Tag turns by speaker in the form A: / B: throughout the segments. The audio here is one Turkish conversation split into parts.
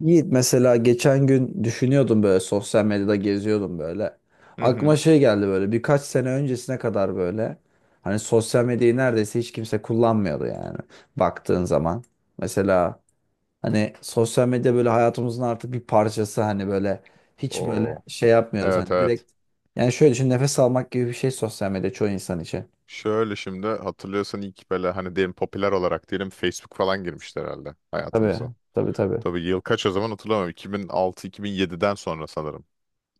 A: Yiğit mesela geçen gün düşünüyordum böyle sosyal medyada geziyordum böyle.
B: Hı
A: Aklıma
B: hı.
A: şey geldi böyle birkaç sene öncesine kadar böyle. Hani sosyal medyayı neredeyse hiç kimse kullanmıyordu yani baktığın zaman. Mesela hani sosyal medya böyle hayatımızın artık bir parçası hani böyle hiç
B: O,
A: böyle şey yapmıyoruz
B: evet
A: hani
B: evet.
A: direkt. Yani şöyle düşün, nefes almak gibi bir şey sosyal medya çoğu insan için.
B: Şöyle şimdi hatırlıyorsan ilk böyle hani diyelim popüler olarak diyelim Facebook falan girmişti herhalde hayatımıza.
A: Tabii, tabii, tabii.
B: Tabii yıl kaç o zaman hatırlamıyorum. 2006-2007'den sonra sanırım.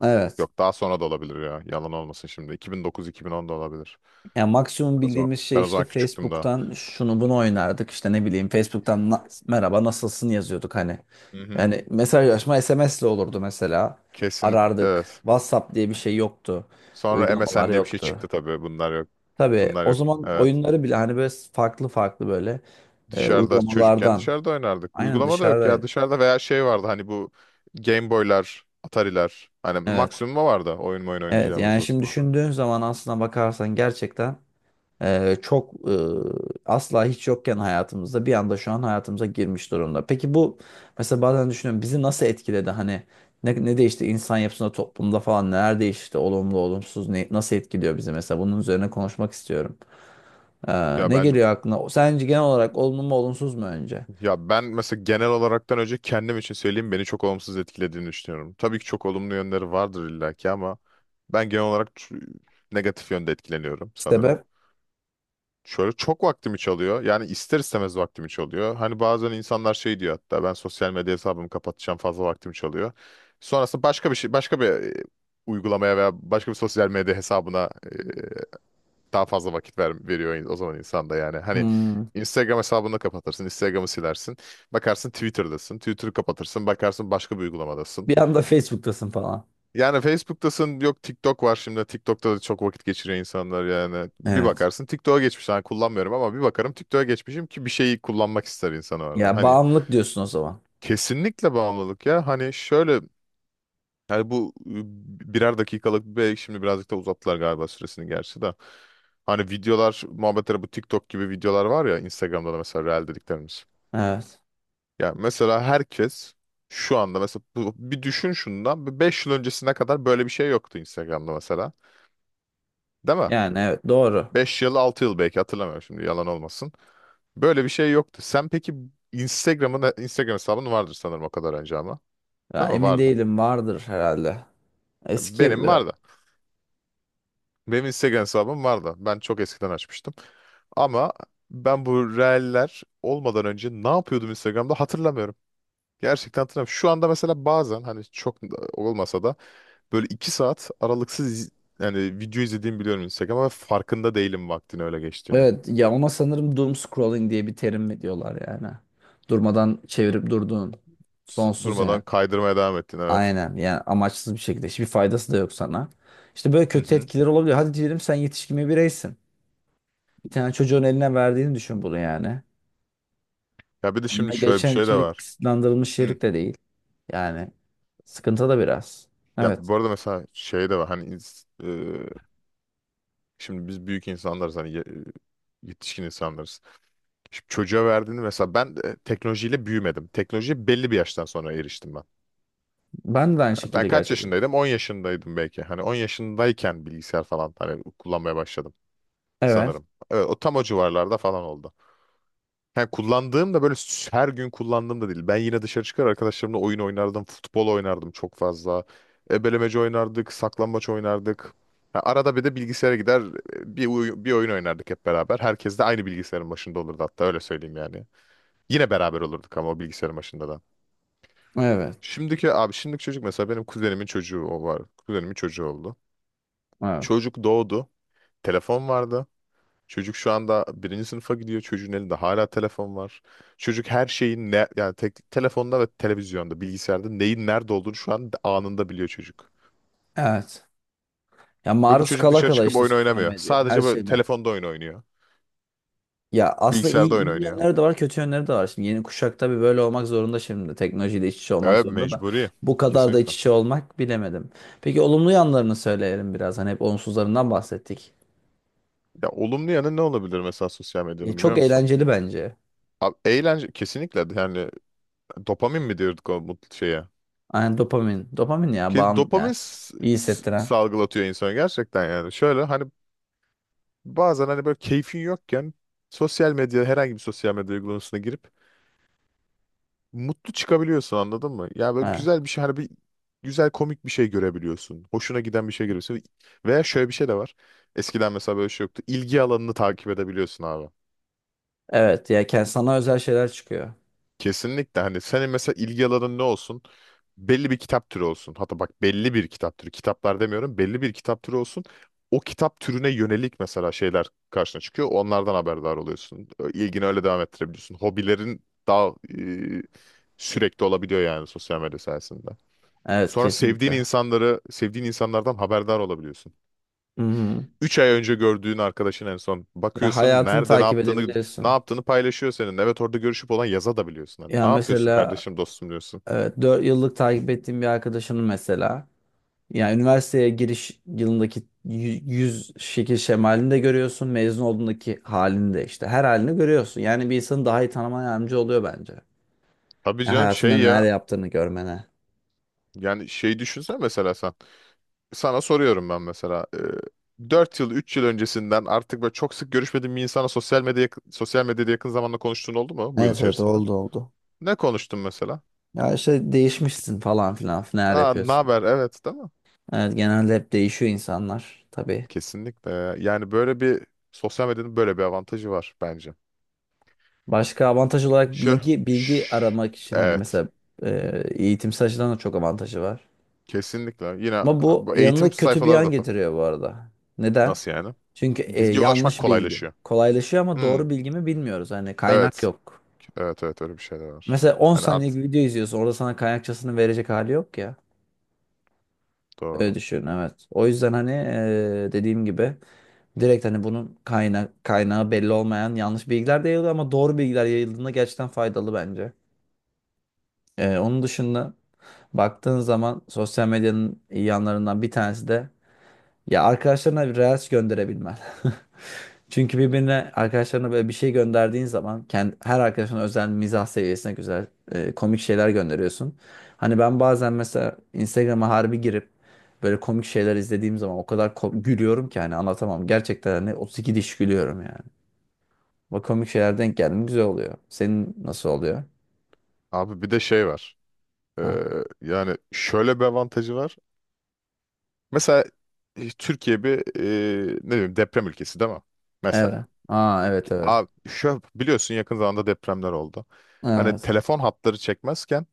A: Evet.
B: Yok daha sonra da olabilir ya. Yalan olmasın şimdi. 2009-2010 da olabilir.
A: Ya maksimum
B: Ben o zaman,
A: bildiğimiz şey
B: ben o
A: işte
B: zaman küçüktüm daha.
A: Facebook'tan şunu bunu oynardık. İşte ne bileyim, Facebook'tan "Merhaba nasılsın" yazıyorduk hani.
B: Hı hı.
A: Yani mesajlaşma SMS'le olurdu mesela.
B: Kesin
A: Arardık.
B: evet.
A: WhatsApp diye bir şey yoktu.
B: Sonra
A: Uygulamalar
B: MSN diye bir şey
A: yoktu.
B: çıktı tabii. Bunlar yok.
A: Tabii
B: Bunlar
A: o
B: yok.
A: zaman
B: Evet.
A: oyunları bile hani böyle farklı farklı böyle
B: Dışarıda çocukken
A: uygulamalardan.
B: dışarıda oynardık.
A: Aynen,
B: Uygulama da yok ya
A: dışarıdaydı.
B: dışarıda veya şey vardı hani bu Game Boy'lar, Atari'ler. Hani
A: Evet.
B: maksimum o vardı oyun
A: Evet
B: oynayacağımız
A: yani
B: o
A: şimdi
B: zamanlar.
A: düşündüğün zaman aslına bakarsan gerçekten çok asla hiç yokken hayatımızda bir anda şu an hayatımıza girmiş durumda. Peki bu, mesela bazen düşünüyorum, bizi nasıl etkiledi, hani ne değişti insan yapısında, toplumda falan, neler değişti olumlu olumsuz, nasıl etkiliyor bizi, mesela bunun üzerine konuşmak istiyorum. Ee,
B: Ya
A: ne
B: bence
A: geliyor aklına? Sence genel olarak olumlu mu olumsuz mu önce?
B: ya ben mesela genel olaraktan önce kendim için söyleyeyim beni çok olumsuz etkilediğini düşünüyorum. Tabii ki çok olumlu yönleri vardır illaki ama ben genel olarak negatif yönde etkileniyorum sanırım.
A: Sebep?
B: Şöyle çok vaktimi çalıyor. Yani ister istemez vaktimi çalıyor. Hani bazen insanlar şey diyor hatta ben sosyal medya hesabımı kapatacağım fazla vaktimi çalıyor. Sonrasında başka bir şey başka bir uygulamaya veya başka bir sosyal medya hesabına daha fazla vakit veriyor o zaman insan da yani. Hani
A: Hmm,
B: Instagram hesabını kapatırsın, Instagram'ı silersin. Bakarsın Twitter'dasın. Twitter'ı kapatırsın, bakarsın başka bir uygulamadasın.
A: bir anda Facebook'tasın falan.
B: Yani Facebook'tasın yok TikTok var şimdi. TikTok'ta da çok vakit geçiriyor insanlar yani. Bir
A: Evet.
B: bakarsın TikTok'a geçmiş. Hani kullanmıyorum ama bir bakarım TikTok'a geçmişim ki bir şeyi kullanmak ister insan orada.
A: Ya
B: Hani
A: bağımlılık diyorsun o zaman.
B: kesinlikle bağımlılık ya. Hani şöyle yani bu birer dakikalık bir şimdi birazcık da uzattılar galiba süresini gerçi de. Hani videolar muhabbetleri bu TikTok gibi videolar var ya Instagram'da da mesela Reel dediklerimiz.
A: Evet.
B: Ya mesela herkes şu anda mesela bir düşün şundan 5 yıl öncesine kadar böyle bir şey yoktu Instagram'da mesela. Değil mi?
A: Yani evet, doğru.
B: 5 yıl 6 yıl belki hatırlamıyorum şimdi yalan olmasın. Böyle bir şey yoktu. Sen peki Instagram hesabın vardır sanırım o kadar önce ama.
A: Ya,
B: Değil mi?
A: emin
B: Vardı.
A: değilim, vardır herhalde. Eski
B: Benim
A: biraz.
B: vardı. Benim Instagram hesabım vardı. Ben çok eskiden açmıştım. Ama ben bu reeller olmadan önce ne yapıyordum Instagram'da hatırlamıyorum. Gerçekten hatırlamıyorum. Şu anda mesela bazen hani çok da olmasa da böyle 2 saat aralıksız yani video izlediğimi biliyorum Instagram'a ve farkında değilim vaktin öyle geçtiğini.
A: Evet, ya ona sanırım doom scrolling diye bir terim mi diyorlar yani. Durmadan çevirip durduğun, sonsuz
B: Durmadan
A: yani.
B: kaydırmaya devam ettin evet.
A: Aynen, yani amaçsız bir şekilde, hiçbir faydası da yok sana. İşte böyle kötü etkileri olabiliyor. Hadi diyelim sen yetişkin bir bireysin. Bir tane çocuğun eline verdiğini düşün bunu yani.
B: Ya bir de şimdi
A: Eline
B: şöyle bir
A: geçen
B: şey de
A: içerik
B: var.
A: kısıtlandırılmış
B: Hı.
A: içerik de değil. Yani sıkıntı da biraz.
B: Ya
A: Evet.
B: bu arada mesela şey de var hani e, şimdi biz büyük insanlarız hani yetişkin insanlarız. Şimdi çocuğa verdiğini mesela ben de teknolojiyle büyümedim. Teknolojiye belli bir yaştan sonra eriştim ben.
A: Ben de aynı
B: Ha, ben
A: şekilde,
B: kaç
A: gerçekten.
B: yaşındaydım? 10 yaşındaydım belki. Hani 10 yaşındayken bilgisayar falan hani kullanmaya başladım
A: Evet.
B: sanırım. Evet, o tam o civarlarda falan oldu. Ha, kullandığım da böyle her gün kullandığım da değil. Ben yine dışarı çıkar arkadaşlarımla oyun oynardım. Futbol oynardım çok fazla. Ebelemece oynardık. Saklambaç oynardık. Ha, arada bir de bilgisayara gider bir oyun oynardık hep beraber. Herkes de aynı bilgisayarın başında olurdu hatta öyle söyleyeyim yani. Yine beraber olurduk ama o bilgisayarın başında da.
A: Evet.
B: Şimdiki çocuk mesela benim kuzenimin çocuğu o var. Kuzenimin çocuğu oldu.
A: Evet.
B: Çocuk doğdu. Telefon vardı. Çocuk şu anda birinci sınıfa gidiyor. Çocuğun elinde hala telefon var. Çocuk her şeyin ne yani tek, telefonda ve televizyonda, bilgisayarda neyin nerede olduğunu şu an anında biliyor çocuk.
A: Evet. Ya
B: Ve bu
A: maruz
B: çocuk
A: kala
B: dışarı
A: kala
B: çıkıp
A: işte,
B: oyun
A: sosyal
B: oynamıyor.
A: medya her
B: Sadece böyle
A: şeyden.
B: telefonda oyun oynuyor.
A: Ya aslında
B: Bilgisayarda
A: iyi,
B: oyun
A: iyi
B: oynuyor.
A: yönleri de var, kötü yönleri de var. Şimdi yeni kuşak tabii böyle olmak zorunda şimdi. Teknolojiyle iç içe olmak
B: Evet
A: zorunda da.
B: mecburi.
A: Bu kadar da
B: Kesinlikle.
A: iç içe olmak, bilemedim. Peki olumlu yanlarını söyleyelim biraz. Hani hep olumsuzlarından bahsettik.
B: Ya olumlu yanı ne olabilir mesela sosyal
A: Ya
B: medyanın biliyor
A: çok
B: musun?
A: eğlenceli bence.
B: Abi, eğlence kesinlikle yani dopamin mi diyorduk o mutlu şeye?
A: Aynen, dopamin. Dopamin ya,
B: Ki
A: bağım
B: dopamin
A: ya. İyi hissettiren.
B: salgılatıyor insana gerçekten yani. Şöyle hani bazen hani böyle keyfin yokken sosyal medya herhangi bir sosyal medya uygulamasına girip mutlu çıkabiliyorsun anladın mı? Ya böyle
A: Evet.
B: güzel bir şey hani bir güzel komik bir şey görebiliyorsun. Hoşuna giden bir şey görüyorsun. Veya şöyle bir şey de var. Eskiden mesela böyle şey yoktu. İlgi alanını takip edebiliyorsun abi.
A: Evet, ya sana özel şeyler çıkıyor.
B: Kesinlikle hani senin mesela ilgi alanın ne olsun? Belli bir kitap türü olsun. Hatta bak belli bir kitap türü. Kitaplar demiyorum. Belli bir kitap türü olsun. O kitap türüne yönelik mesela şeyler karşına çıkıyor. Onlardan haberdar oluyorsun. İlgini öyle devam ettirebiliyorsun. Hobilerin daha e, sürekli olabiliyor yani sosyal medya sayesinde.
A: Evet,
B: Sonra
A: kesinlikle.
B: sevdiğin insanlardan haberdar olabiliyorsun.
A: Hı hı.
B: 3 ay önce gördüğün arkadaşın en son
A: Ya
B: bakıyorsun
A: hayatını
B: nerede ne
A: takip
B: yaptığını ne
A: edebiliyorsun.
B: yaptığını paylaşıyor senin. Evet orada görüşüp olan yaza da biliyorsun. Hani
A: Ya
B: ne yapıyorsun
A: mesela
B: kardeşim dostum diyorsun.
A: evet, 4 yıllık takip ettiğim bir arkadaşının mesela. Yani üniversiteye giriş yılındaki yüz şekil şemalini de görüyorsun. Mezun olduğundaki halini de, işte her halini görüyorsun. Yani bir insanı daha iyi tanımana yardımcı oluyor bence.
B: Tabii
A: Ya
B: canım
A: hayatında
B: şey
A: neler
B: ya
A: yaptığını görmene.
B: yani şey düşünsen mesela sen. Sana soruyorum ben mesela. 4 yıl 3 yıl öncesinden artık böyle çok sık görüşmediğin bir insana sosyal medyada yakın zamanda konuştuğun oldu mu bu yıl
A: Evet, evet,
B: içerisinde?
A: oldu, oldu.
B: Ne konuştun mesela?
A: Ya işte, değişmişsin falan filan, neler
B: Aa, ne
A: yapıyorsun.
B: haber? Evet, değil mi?
A: Evet, genelde hep değişiyor insanlar tabii.
B: Kesinlikle. Yani böyle bir sosyal medyanın böyle bir avantajı var bence.
A: Başka avantaj olarak
B: Şu,
A: bilgi
B: şş,
A: aramak için hani,
B: evet.
A: mesela
B: Bi-
A: eğitimsel açıdan da çok avantajı var.
B: Kesinlikle. Yine
A: Ama bu
B: bu eğitim
A: yanına kötü bir
B: sayfaları
A: yan
B: da.
A: getiriyor bu arada. Neden?
B: Nasıl yani?
A: Çünkü
B: Bilgi ulaşmak
A: yanlış bilgi.
B: kolaylaşıyor.
A: Kolaylaşıyor ama
B: Hmm,
A: doğru bilgi mi bilmiyoruz. Hani kaynak
B: evet.
A: yok.
B: Evet evet öyle bir şey de var.
A: Mesela 10
B: Hani
A: saniyelik bir video izliyorsun. Orada sana kaynakçasını verecek hali yok ya. Öyle
B: doğru.
A: düşün, evet. O yüzden hani dediğim gibi, direkt hani bunun kaynağı belli olmayan yanlış bilgiler de yayılıyor, ama doğru bilgiler yayıldığında gerçekten faydalı bence. Onun dışında baktığın zaman sosyal medyanın iyi yanlarından bir tanesi de, ya arkadaşlarına bir reels gönderebilmen. Çünkü birbirine, arkadaşlarına böyle bir şey gönderdiğin zaman, her arkadaşına özel mizah seviyesine güzel komik şeyler gönderiyorsun. Hani ben bazen mesela Instagram'a harbi girip böyle komik şeyler izlediğim zaman o kadar gülüyorum ki hani, anlatamam. Gerçekten hani 32 diş gülüyorum yani. Bak komik şeyler denk geldi, güzel oluyor. Senin nasıl oluyor?
B: Abi bir de şey var.
A: Ha.
B: Ee, yani şöyle bir avantajı var. Mesela Türkiye bir ne diyeyim deprem ülkesi değil mi?
A: Evet.
B: Mesela.
A: Aa, evet, evet.
B: Abi şu biliyorsun yakın zamanda depremler oldu. Hani
A: Evet.
B: telefon hatları çekmezken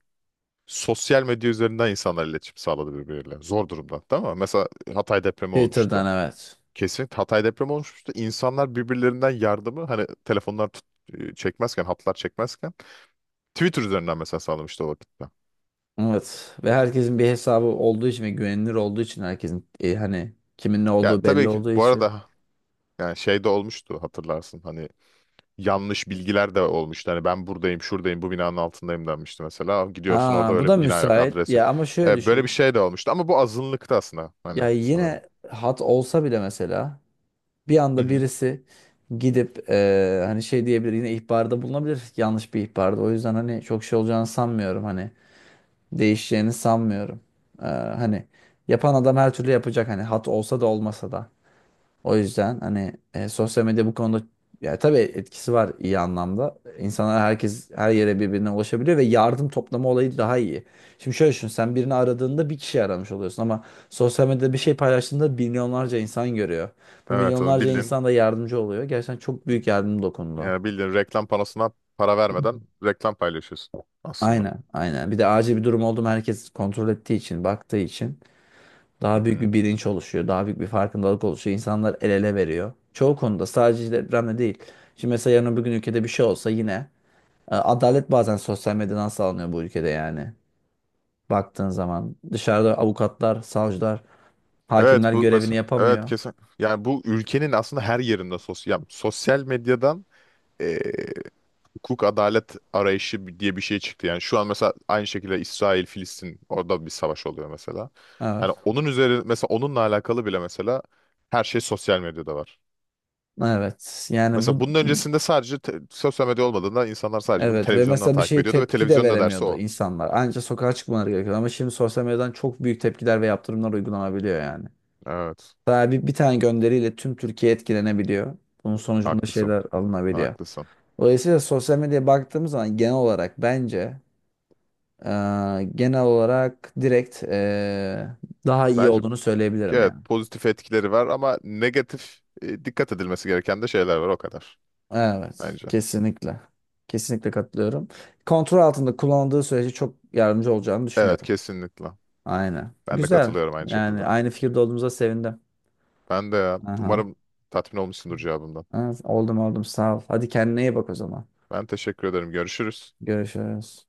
B: sosyal medya üzerinden insanlar iletişim sağladı birbirleriyle. Zor durumda değil mi? Mesela Hatay depremi
A: Twitter'dan,
B: olmuştu.
A: evet.
B: Kesinlikle Hatay depremi olmuştu. İnsanlar birbirlerinden yardımı hani telefonlar çekmezken, hatlar çekmezken Twitter üzerinden mesela sağlamıştı o vakitte.
A: Evet, ve herkesin bir hesabı olduğu için ve güvenilir olduğu için, herkesin hani kimin ne
B: Ya
A: olduğu belli
B: tabii ki
A: olduğu
B: bu
A: için.
B: arada yani şey de olmuştu hatırlarsın hani yanlış bilgiler de olmuştu. Hani ben buradayım, şuradayım, bu binanın altındayım denmişti mesela. Gidiyorsun orada
A: Ha bu
B: öyle
A: da
B: bir bina yok,
A: müsait
B: adres yok.
A: ya, ama şöyle
B: Evet, böyle bir
A: düşün.
B: şey de olmuştu ama bu azınlıktı aslında hani
A: Ya
B: sanırım.
A: yine, hat olsa bile mesela, bir
B: Hı
A: anda
B: hı.
A: birisi gidip hani şey diyebilir, yine ihbarda bulunabilir, yanlış bir ihbarda. O yüzden hani çok şey olacağını sanmıyorum, hani değişeceğini sanmıyorum. Hani yapan adam her türlü yapacak, hani hat olsa da olmasa da. O yüzden hani, sosyal medya bu konuda, ya tabii etkisi var iyi anlamda. İnsanlar, herkes her yere birbirine ulaşabiliyor ve yardım toplama olayı daha iyi. Şimdi şöyle düşün, sen birini aradığında bir kişi aramış oluyorsun, ama sosyal medyada bir şey paylaştığında milyonlarca insan görüyor. Bu
B: Evet onu
A: milyonlarca
B: bildin.
A: insan da yardımcı oluyor. Gerçekten çok büyük yardım dokundu.
B: Yani bildiğin reklam panosuna para vermeden reklam paylaşıyorsun aslında.
A: Aynen, aynen. Bir de acil bir durum oldu mu herkes kontrol ettiği için, baktığı için.
B: Hı
A: Daha büyük
B: hı.
A: bir bilinç oluşuyor. Daha büyük bir farkındalık oluşuyor. İnsanlar el ele veriyor. Çoğu konuda, sadece depremde değil. Şimdi mesela yarın öbür gün ülkede bir şey olsa, yine adalet bazen sosyal medyadan sağlanıyor bu ülkede yani. Baktığın zaman dışarıda avukatlar, savcılar,
B: Evet
A: hakimler
B: bu
A: görevini
B: mesela evet
A: yapamıyor.
B: kesin yani bu ülkenin aslında her yerinde sosyal medyadan eee, hukuk adalet arayışı diye bir şey çıktı. Yani şu an mesela aynı şekilde İsrail Filistin orada bir savaş oluyor mesela.
A: Evet.
B: Hani onunla alakalı bile mesela her şey sosyal medyada var.
A: Evet. Yani
B: Mesela
A: bu,
B: bunun öncesinde sadece sosyal medya olmadığında insanlar sadece bunu
A: evet, ve
B: televizyondan
A: mesela bir
B: takip
A: şeye
B: ediyordu ve
A: tepki de
B: televizyonda dersi
A: veremiyordu
B: o.
A: insanlar. Ancak sokağa çıkmaları gerekiyordu, ama şimdi sosyal medyadan çok büyük tepkiler ve yaptırımlar uygulanabiliyor yani.
B: Evet.
A: Daha bir tane gönderiyle tüm Türkiye etkilenebiliyor. Bunun sonucunda
B: Haklısın.
A: şeyler alınabiliyor.
B: Haklısın.
A: Dolayısıyla sosyal medyaya baktığımız zaman genel olarak bence, e, genel olarak direkt daha iyi
B: Bence
A: olduğunu söyleyebilirim
B: evet
A: yani.
B: pozitif etkileri var ama negatif dikkat edilmesi gereken de şeyler var o kadar
A: Evet,
B: bence.
A: kesinlikle. Kesinlikle katılıyorum. Kontrol altında kullanıldığı sürece çok yardımcı olacağını
B: Evet
A: düşünüyorum.
B: kesinlikle.
A: Aynen.
B: Ben de
A: Güzel.
B: katılıyorum aynı şekilde.
A: Yani aynı fikirde olduğumuza sevindim.
B: Ben de ya.
A: Aha.
B: Umarım tatmin olmuşsundur cevabımdan.
A: Evet, oldum, oldum, sağ ol. Hadi kendine iyi bak o zaman.
B: Ben teşekkür ederim. Görüşürüz.
A: Görüşürüz.